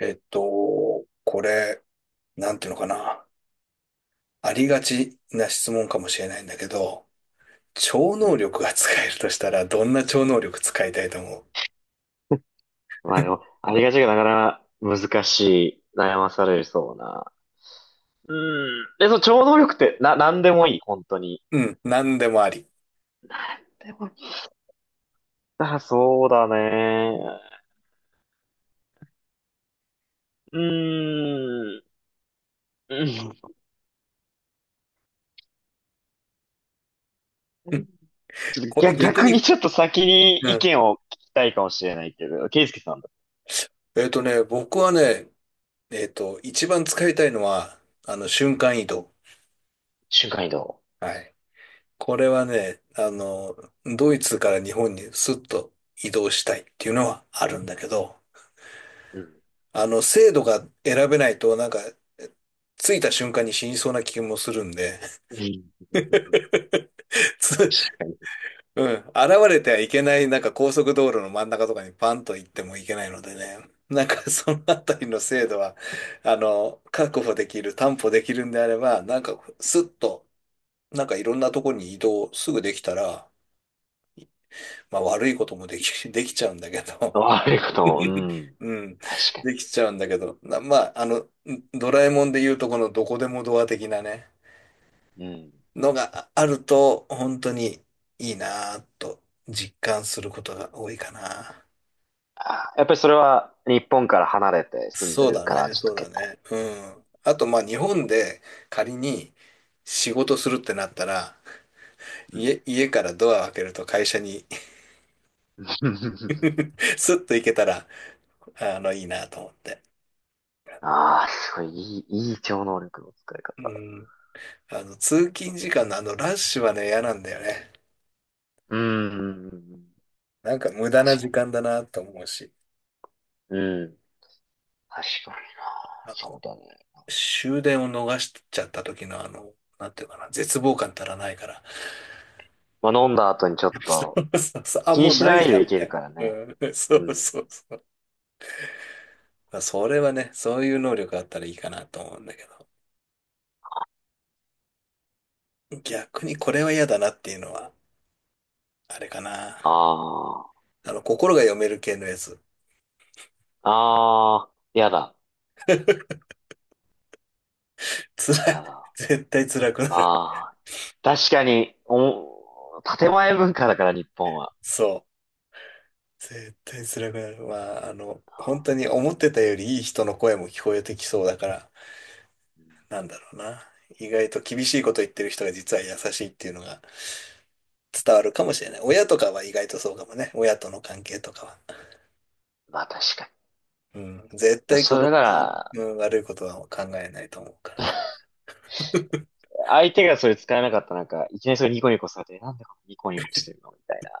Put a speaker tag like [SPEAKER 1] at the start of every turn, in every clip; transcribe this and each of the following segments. [SPEAKER 1] これ、なんていうのかな。ありがちな質問かもしれないんだけど、超
[SPEAKER 2] う
[SPEAKER 1] 能
[SPEAKER 2] ん。
[SPEAKER 1] 力が使えるとしたら、どんな超能力使いたいと思う？
[SPEAKER 2] まあでも、ありがちがなかなか難しい、悩まされそうな。うん。で、その超能力って、なんでもいい、本当に。
[SPEAKER 1] うん、なんでもあり。
[SPEAKER 2] でも、あ、そうだね。うーん。うん。
[SPEAKER 1] うん。
[SPEAKER 2] ちょっと
[SPEAKER 1] これ
[SPEAKER 2] 逆、
[SPEAKER 1] 逆
[SPEAKER 2] 逆に
[SPEAKER 1] に、
[SPEAKER 2] ちょっと先に
[SPEAKER 1] う
[SPEAKER 2] 意
[SPEAKER 1] ん。
[SPEAKER 2] 見を聞きたいかもしれないけど、ケイスケさんだ。
[SPEAKER 1] 僕はね、一番使いたいのは、瞬間移動。
[SPEAKER 2] 瞬間移動。
[SPEAKER 1] はい。これはね、ドイツから日本にスッと移動したいっていうのはあるんだけど、
[SPEAKER 2] うん。
[SPEAKER 1] 制度が選べないと、なんか、着いた瞬間に死にそうな気もするんで、
[SPEAKER 2] うん。
[SPEAKER 1] つ、
[SPEAKER 2] 確かに。
[SPEAKER 1] うん、現れてはいけない、なんか高速道路の真ん中とかにパンと行ってもいけないのでね、なんかそのあたりの制度は、確保できる、担保できるんであれば、なんかスッと、なんかいろんなとこに移動すぐできたら、まあ悪いこともでき、できちゃうんだけど、
[SPEAKER 2] 悪いことも、うん。
[SPEAKER 1] うん、
[SPEAKER 2] 確か
[SPEAKER 1] できちゃうんだけど、まあ、ドラえもんで言うとこのどこでもドア的なね、
[SPEAKER 2] に。うん。
[SPEAKER 1] のがあると、本当にいいなぁと実感することが多いかな。
[SPEAKER 2] あ、やっぱりそれは日本から離れて住んで
[SPEAKER 1] そう
[SPEAKER 2] る
[SPEAKER 1] だ
[SPEAKER 2] から、
[SPEAKER 1] ね、
[SPEAKER 2] ちょっ
[SPEAKER 1] そ
[SPEAKER 2] と
[SPEAKER 1] うだ
[SPEAKER 2] 結構
[SPEAKER 1] ね。うん。あと、まあ、日本で仮に仕事するってなったら、
[SPEAKER 2] うん。
[SPEAKER 1] 家からドアを開けると会社に スッと行けたら、いいなと思って。
[SPEAKER 2] ああ、すごい、いい超能力の使い
[SPEAKER 1] う
[SPEAKER 2] 方。
[SPEAKER 1] ん。通勤時間のあのラッシュはね、嫌なんだよね。
[SPEAKER 2] うん。うん、
[SPEAKER 1] なんか無駄な
[SPEAKER 2] 確
[SPEAKER 1] 時
[SPEAKER 2] か
[SPEAKER 1] 間だなと思うし、
[SPEAKER 2] に、うん。確かにな。
[SPEAKER 1] あ
[SPEAKER 2] そ
[SPEAKER 1] の、
[SPEAKER 2] うだね。
[SPEAKER 1] 終電を逃しちゃった時のあの、なんていうかな、絶望感たらないから、
[SPEAKER 2] まあ、飲んだ後にちょっ
[SPEAKER 1] そ
[SPEAKER 2] と
[SPEAKER 1] うそうそう。あ、
[SPEAKER 2] 気
[SPEAKER 1] も
[SPEAKER 2] に
[SPEAKER 1] う
[SPEAKER 2] し
[SPEAKER 1] な
[SPEAKER 2] な
[SPEAKER 1] い
[SPEAKER 2] い
[SPEAKER 1] じゃ
[SPEAKER 2] でい
[SPEAKER 1] ん、み
[SPEAKER 2] け
[SPEAKER 1] た
[SPEAKER 2] る
[SPEAKER 1] い
[SPEAKER 2] から
[SPEAKER 1] な。
[SPEAKER 2] ね。
[SPEAKER 1] うん、そ
[SPEAKER 2] う
[SPEAKER 1] う
[SPEAKER 2] ん。
[SPEAKER 1] そうそう。まあ、それはね、そういう能力があったらいいかなと思うんだけど。逆にこれは嫌だなっていうのは、あれかな。
[SPEAKER 2] あ
[SPEAKER 1] 心が読める系のやつ。
[SPEAKER 2] あ、ああ、やだ、
[SPEAKER 1] 辛い。
[SPEAKER 2] やだ。
[SPEAKER 1] 絶対辛くなる。
[SPEAKER 2] ああ、確かに、建前文化だから日本は。
[SPEAKER 1] そう。絶対辛くなる。まあ、本当に思ってたよりいい人の声も聞こえてきそうだから、なんだろうな。意外と厳しいこと言ってる人が実は優しいっていうのが伝わるかもしれない。親とかは意外とそうかもね。親との関係とかは。
[SPEAKER 2] まあ確か
[SPEAKER 1] うん、絶
[SPEAKER 2] に。
[SPEAKER 1] 対子
[SPEAKER 2] そ
[SPEAKER 1] 供
[SPEAKER 2] れだか
[SPEAKER 1] に、
[SPEAKER 2] ら、
[SPEAKER 1] うん、悪いことは考えないと思うから
[SPEAKER 2] 相手がそれ使えなかったらなんか、いきなりそれニコニコされて、なんでこのニコニコしてるのみたい
[SPEAKER 1] ね。
[SPEAKER 2] な。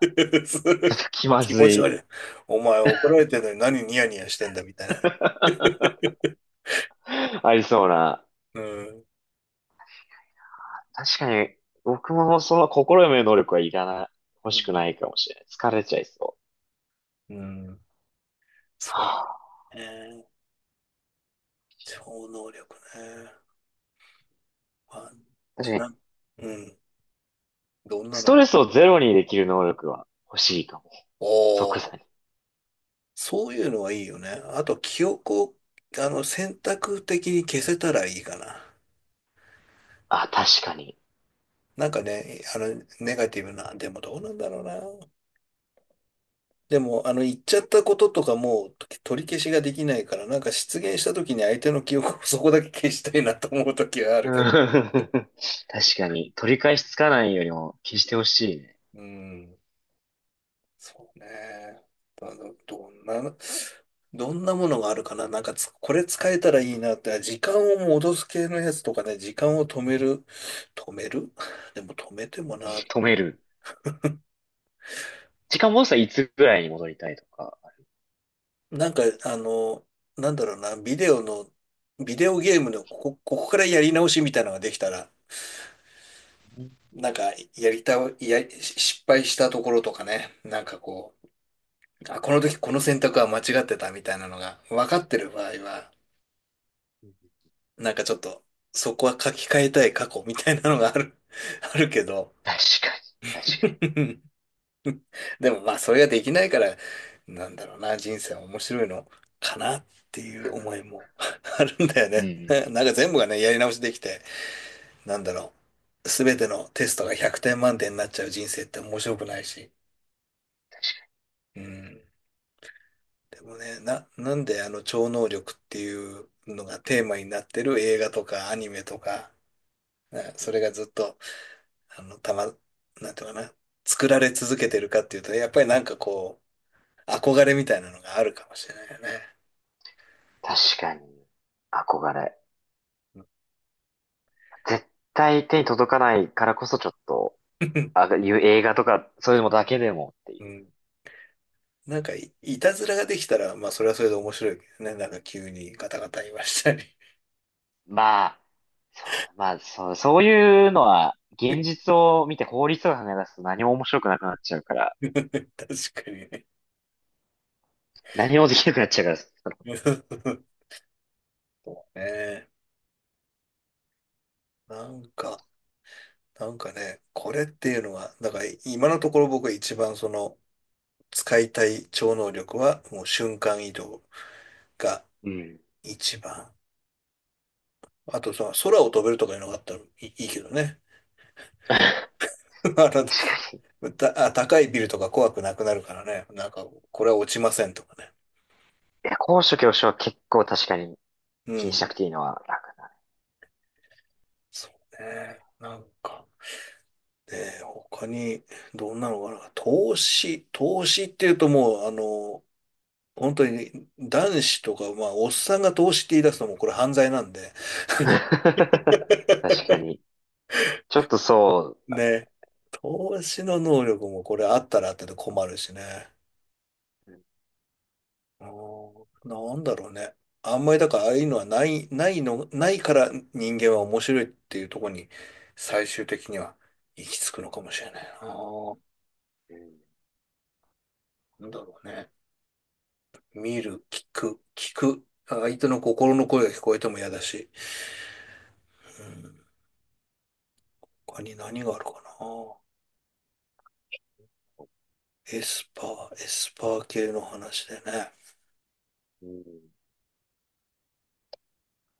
[SPEAKER 2] ちょっ と気ま
[SPEAKER 1] 気
[SPEAKER 2] ず
[SPEAKER 1] 持ち
[SPEAKER 2] い。
[SPEAKER 1] 悪い。お前怒られてるのに何ニヤニヤしてんだみたいな。
[SPEAKER 2] ありそうな。
[SPEAKER 1] うん、
[SPEAKER 2] 確かに、僕もその心読める能力はいらない、欲
[SPEAKER 1] う
[SPEAKER 2] しく
[SPEAKER 1] ん、
[SPEAKER 2] ないかもしれない。疲れちゃいそう。
[SPEAKER 1] うん、
[SPEAKER 2] は
[SPEAKER 1] そう
[SPEAKER 2] あ。
[SPEAKER 1] ね。超能力ね。まあ、
[SPEAKER 2] 確かに、
[SPEAKER 1] な、うん、どんな
[SPEAKER 2] ス
[SPEAKER 1] の
[SPEAKER 2] ト
[SPEAKER 1] が。
[SPEAKER 2] レスをゼロにできる能力は欲しいかも。
[SPEAKER 1] お
[SPEAKER 2] 即座
[SPEAKER 1] お、
[SPEAKER 2] に。
[SPEAKER 1] そういうのはいいよね。あと、記憶を、選択的に消せたらいいかな。
[SPEAKER 2] あ、確かに。
[SPEAKER 1] なんかね、ネガティブな、でもどうなんだろうな。でも、言っちゃったこととかもう取り消しができないから、なんか失言した時に相手の記憶を そこだけ消したいなと思う時はあ
[SPEAKER 2] うん。
[SPEAKER 1] るけど。
[SPEAKER 2] 確かに、取り返しつかないよりも消してほしいね。
[SPEAKER 1] うん、そうね。あのどんな、どんなものがあるかな。なんかつ、これ使えたらいいなって、あ時間を戻す系のやつとかね、時間を止める。止める でも止めてもな。
[SPEAKER 2] 止める。時間もしたらいつぐらいに戻りたいとか。
[SPEAKER 1] なんか、なんだろうな、ビデオゲームのここからやり直しみたいなのができたら、
[SPEAKER 2] うん。
[SPEAKER 1] なんか、やりたい、やり、失敗したところとかね、なんかこう、あ、この時この選択は間違ってたみたいなのが分かってる場合は、なんかちょっと、そこは書き換えたい過去みたいなのがある、あるけど、
[SPEAKER 2] 確かに、確か
[SPEAKER 1] でもまあ、それができないから、なんだろうな、人生は面白いのかなっていう思いも あるんだよ
[SPEAKER 2] に。う
[SPEAKER 1] ね。なんか
[SPEAKER 2] ん
[SPEAKER 1] 全部がね、やり直しできて、なんだろう、すべてのテストが100点満点になっちゃう人生って面白くないし、うん。で
[SPEAKER 2] うん
[SPEAKER 1] もね、なんであの超能力っていうのがテーマになってる映画とかアニメとか、ね
[SPEAKER 2] う
[SPEAKER 1] そ
[SPEAKER 2] ん。
[SPEAKER 1] れがずっと、あの、たま、なんていうかな、作られ続けてるかっていうと、やっぱりなんかこう、憧れみたいなのがあるかもしれないよね。
[SPEAKER 2] 確かに、憧れ。
[SPEAKER 1] うん。
[SPEAKER 2] 絶対手に届かないからこそちょっと、あ、いう映画とか、そういうのだけでもって
[SPEAKER 1] う
[SPEAKER 2] いう。
[SPEAKER 1] んいたずらができたら、まあそれはそれで面白いけどね。なんか急にガタガタ言いましたり。
[SPEAKER 2] まあ、そそういうのは、現実を見て法律を考え出すと何も面白くなくなっちゃうから、
[SPEAKER 1] 確かにね。
[SPEAKER 2] 何もできなくなっちゃうから、その
[SPEAKER 1] ねえなんか、なんかね、これっていうのは、だから今のところ僕が一番その使いたい超能力はもう瞬間移動が
[SPEAKER 2] うん。
[SPEAKER 1] 一番。あとその空を飛べるとかいうのがあったらいい、いいけどね。
[SPEAKER 2] 確
[SPEAKER 1] あ
[SPEAKER 2] かに。い
[SPEAKER 1] たあ高いビルとか怖くなくなるからね。なんかこれは落ちませんとかね。
[SPEAKER 2] や、高所恐怖症は結構確かに
[SPEAKER 1] う
[SPEAKER 2] 気に
[SPEAKER 1] ん。
[SPEAKER 2] しなくていいのは楽だ
[SPEAKER 1] そうね。なんか。で、他にどんなのかな。投資、投資っていうともうあの、本当に男子とか、まあ、おっさんが投資って言い出すのもこれ犯罪なんで、
[SPEAKER 2] ね。確かに。ちょっとそ
[SPEAKER 1] ね。投資の能力もこれあったらあったで困るしね。
[SPEAKER 2] う、
[SPEAKER 1] うんなんだろうね。あんまりだからああいうのはないから人間は面白いっていうところに最終的には行き着くのかもしれないな。
[SPEAKER 2] うん
[SPEAKER 1] なんだろうね。見る、聞く、聞く。相手の心の声が聞こえても嫌だし。うん。他に何があるかな。エスパエスパー系の話でね。
[SPEAKER 2] うん。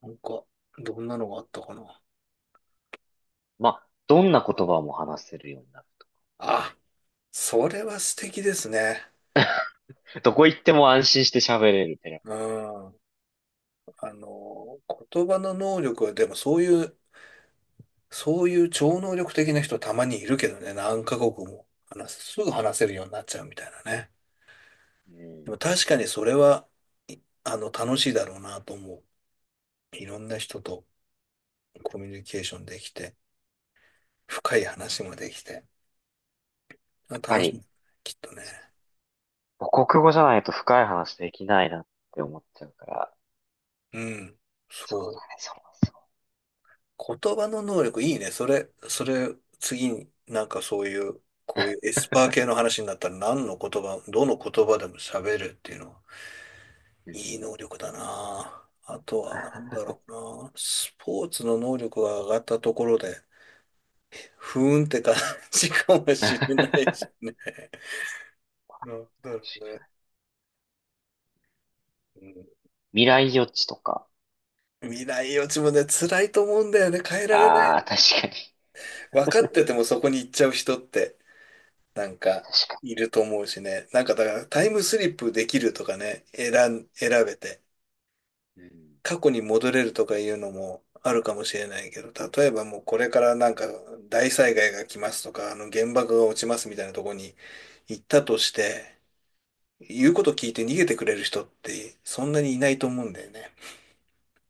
[SPEAKER 1] なんか、どんなのがあったかな。
[SPEAKER 2] まあ、どんな言葉も話せるようにな
[SPEAKER 1] あそれは素敵ですね。
[SPEAKER 2] る。どこ行っても安心して喋れるってな。
[SPEAKER 1] うん。あの、言葉の能力は、でもそういう超能力的な人たまにいるけどね、何カ国もすぐ話せるようになっちゃうみたいなね。
[SPEAKER 2] うん。や
[SPEAKER 1] でも確かにそれは、い楽しいだろうなと思う。いろんな人とコミュニケーションできて、深い話もできて、あ
[SPEAKER 2] っぱ
[SPEAKER 1] 楽しい、
[SPEAKER 2] り、
[SPEAKER 1] きっとね。
[SPEAKER 2] 母国語じゃないと深い話できないなって思っちゃうから。
[SPEAKER 1] うん。
[SPEAKER 2] そう
[SPEAKER 1] そ
[SPEAKER 2] だ
[SPEAKER 1] う。
[SPEAKER 2] ね、そうそ
[SPEAKER 1] 言葉の能力いいね。それ、それ、次になんかそういう、こういうエスパー系の話になったら何の言葉、どの言葉でも喋るっていうのは、
[SPEAKER 2] う。うん。
[SPEAKER 1] いい能力だな。あとは何だろうな。スポーツの能力が上がったところで、ふーんって感じかもしれないし。なんだろうね。
[SPEAKER 2] 未来予知とか。
[SPEAKER 1] うん、未来予知もね、辛いと思うんだよね。変えられな
[SPEAKER 2] ああ、
[SPEAKER 1] い。
[SPEAKER 2] 確かに。
[SPEAKER 1] 分かっててもそこに行っちゃう人って。なんか、
[SPEAKER 2] 確か
[SPEAKER 1] いると思うしね。なんか、だから、タイムスリップできるとかね、選べて、
[SPEAKER 2] に。うん。
[SPEAKER 1] 過去に戻れるとかいうのもあるかもしれないけど、例えばもうこれからなんか、大災害が来ますとか、原爆が落ちますみたいなとこに行ったとして、言うこと聞いて逃げてくれる人って、そんなにいないと思うんだよね。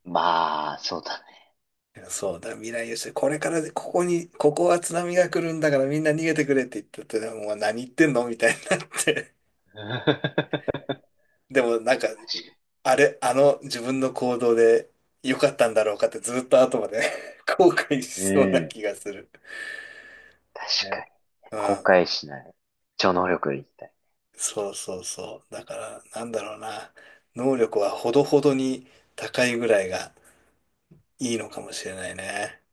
[SPEAKER 2] まあ、そうだね。
[SPEAKER 1] そうだ、未来予測、これからで、ここに、ここは津波が来るんだからみんな逃げてくれって言ったって、もう何言ってんのみたいになって。でもなんかあれ、あの自分の行動で良かったんだろうかってずっと後まで 後悔し
[SPEAKER 2] う
[SPEAKER 1] そうな
[SPEAKER 2] ん。
[SPEAKER 1] 気がする。
[SPEAKER 2] 確かに
[SPEAKER 1] ね
[SPEAKER 2] ね。
[SPEAKER 1] う
[SPEAKER 2] 後
[SPEAKER 1] ん。
[SPEAKER 2] 悔しない。超能力でいきたい。
[SPEAKER 1] そうそうそう。だから、なんだろうな。能力はほどほどに高いぐらいがいいのかもしれないね。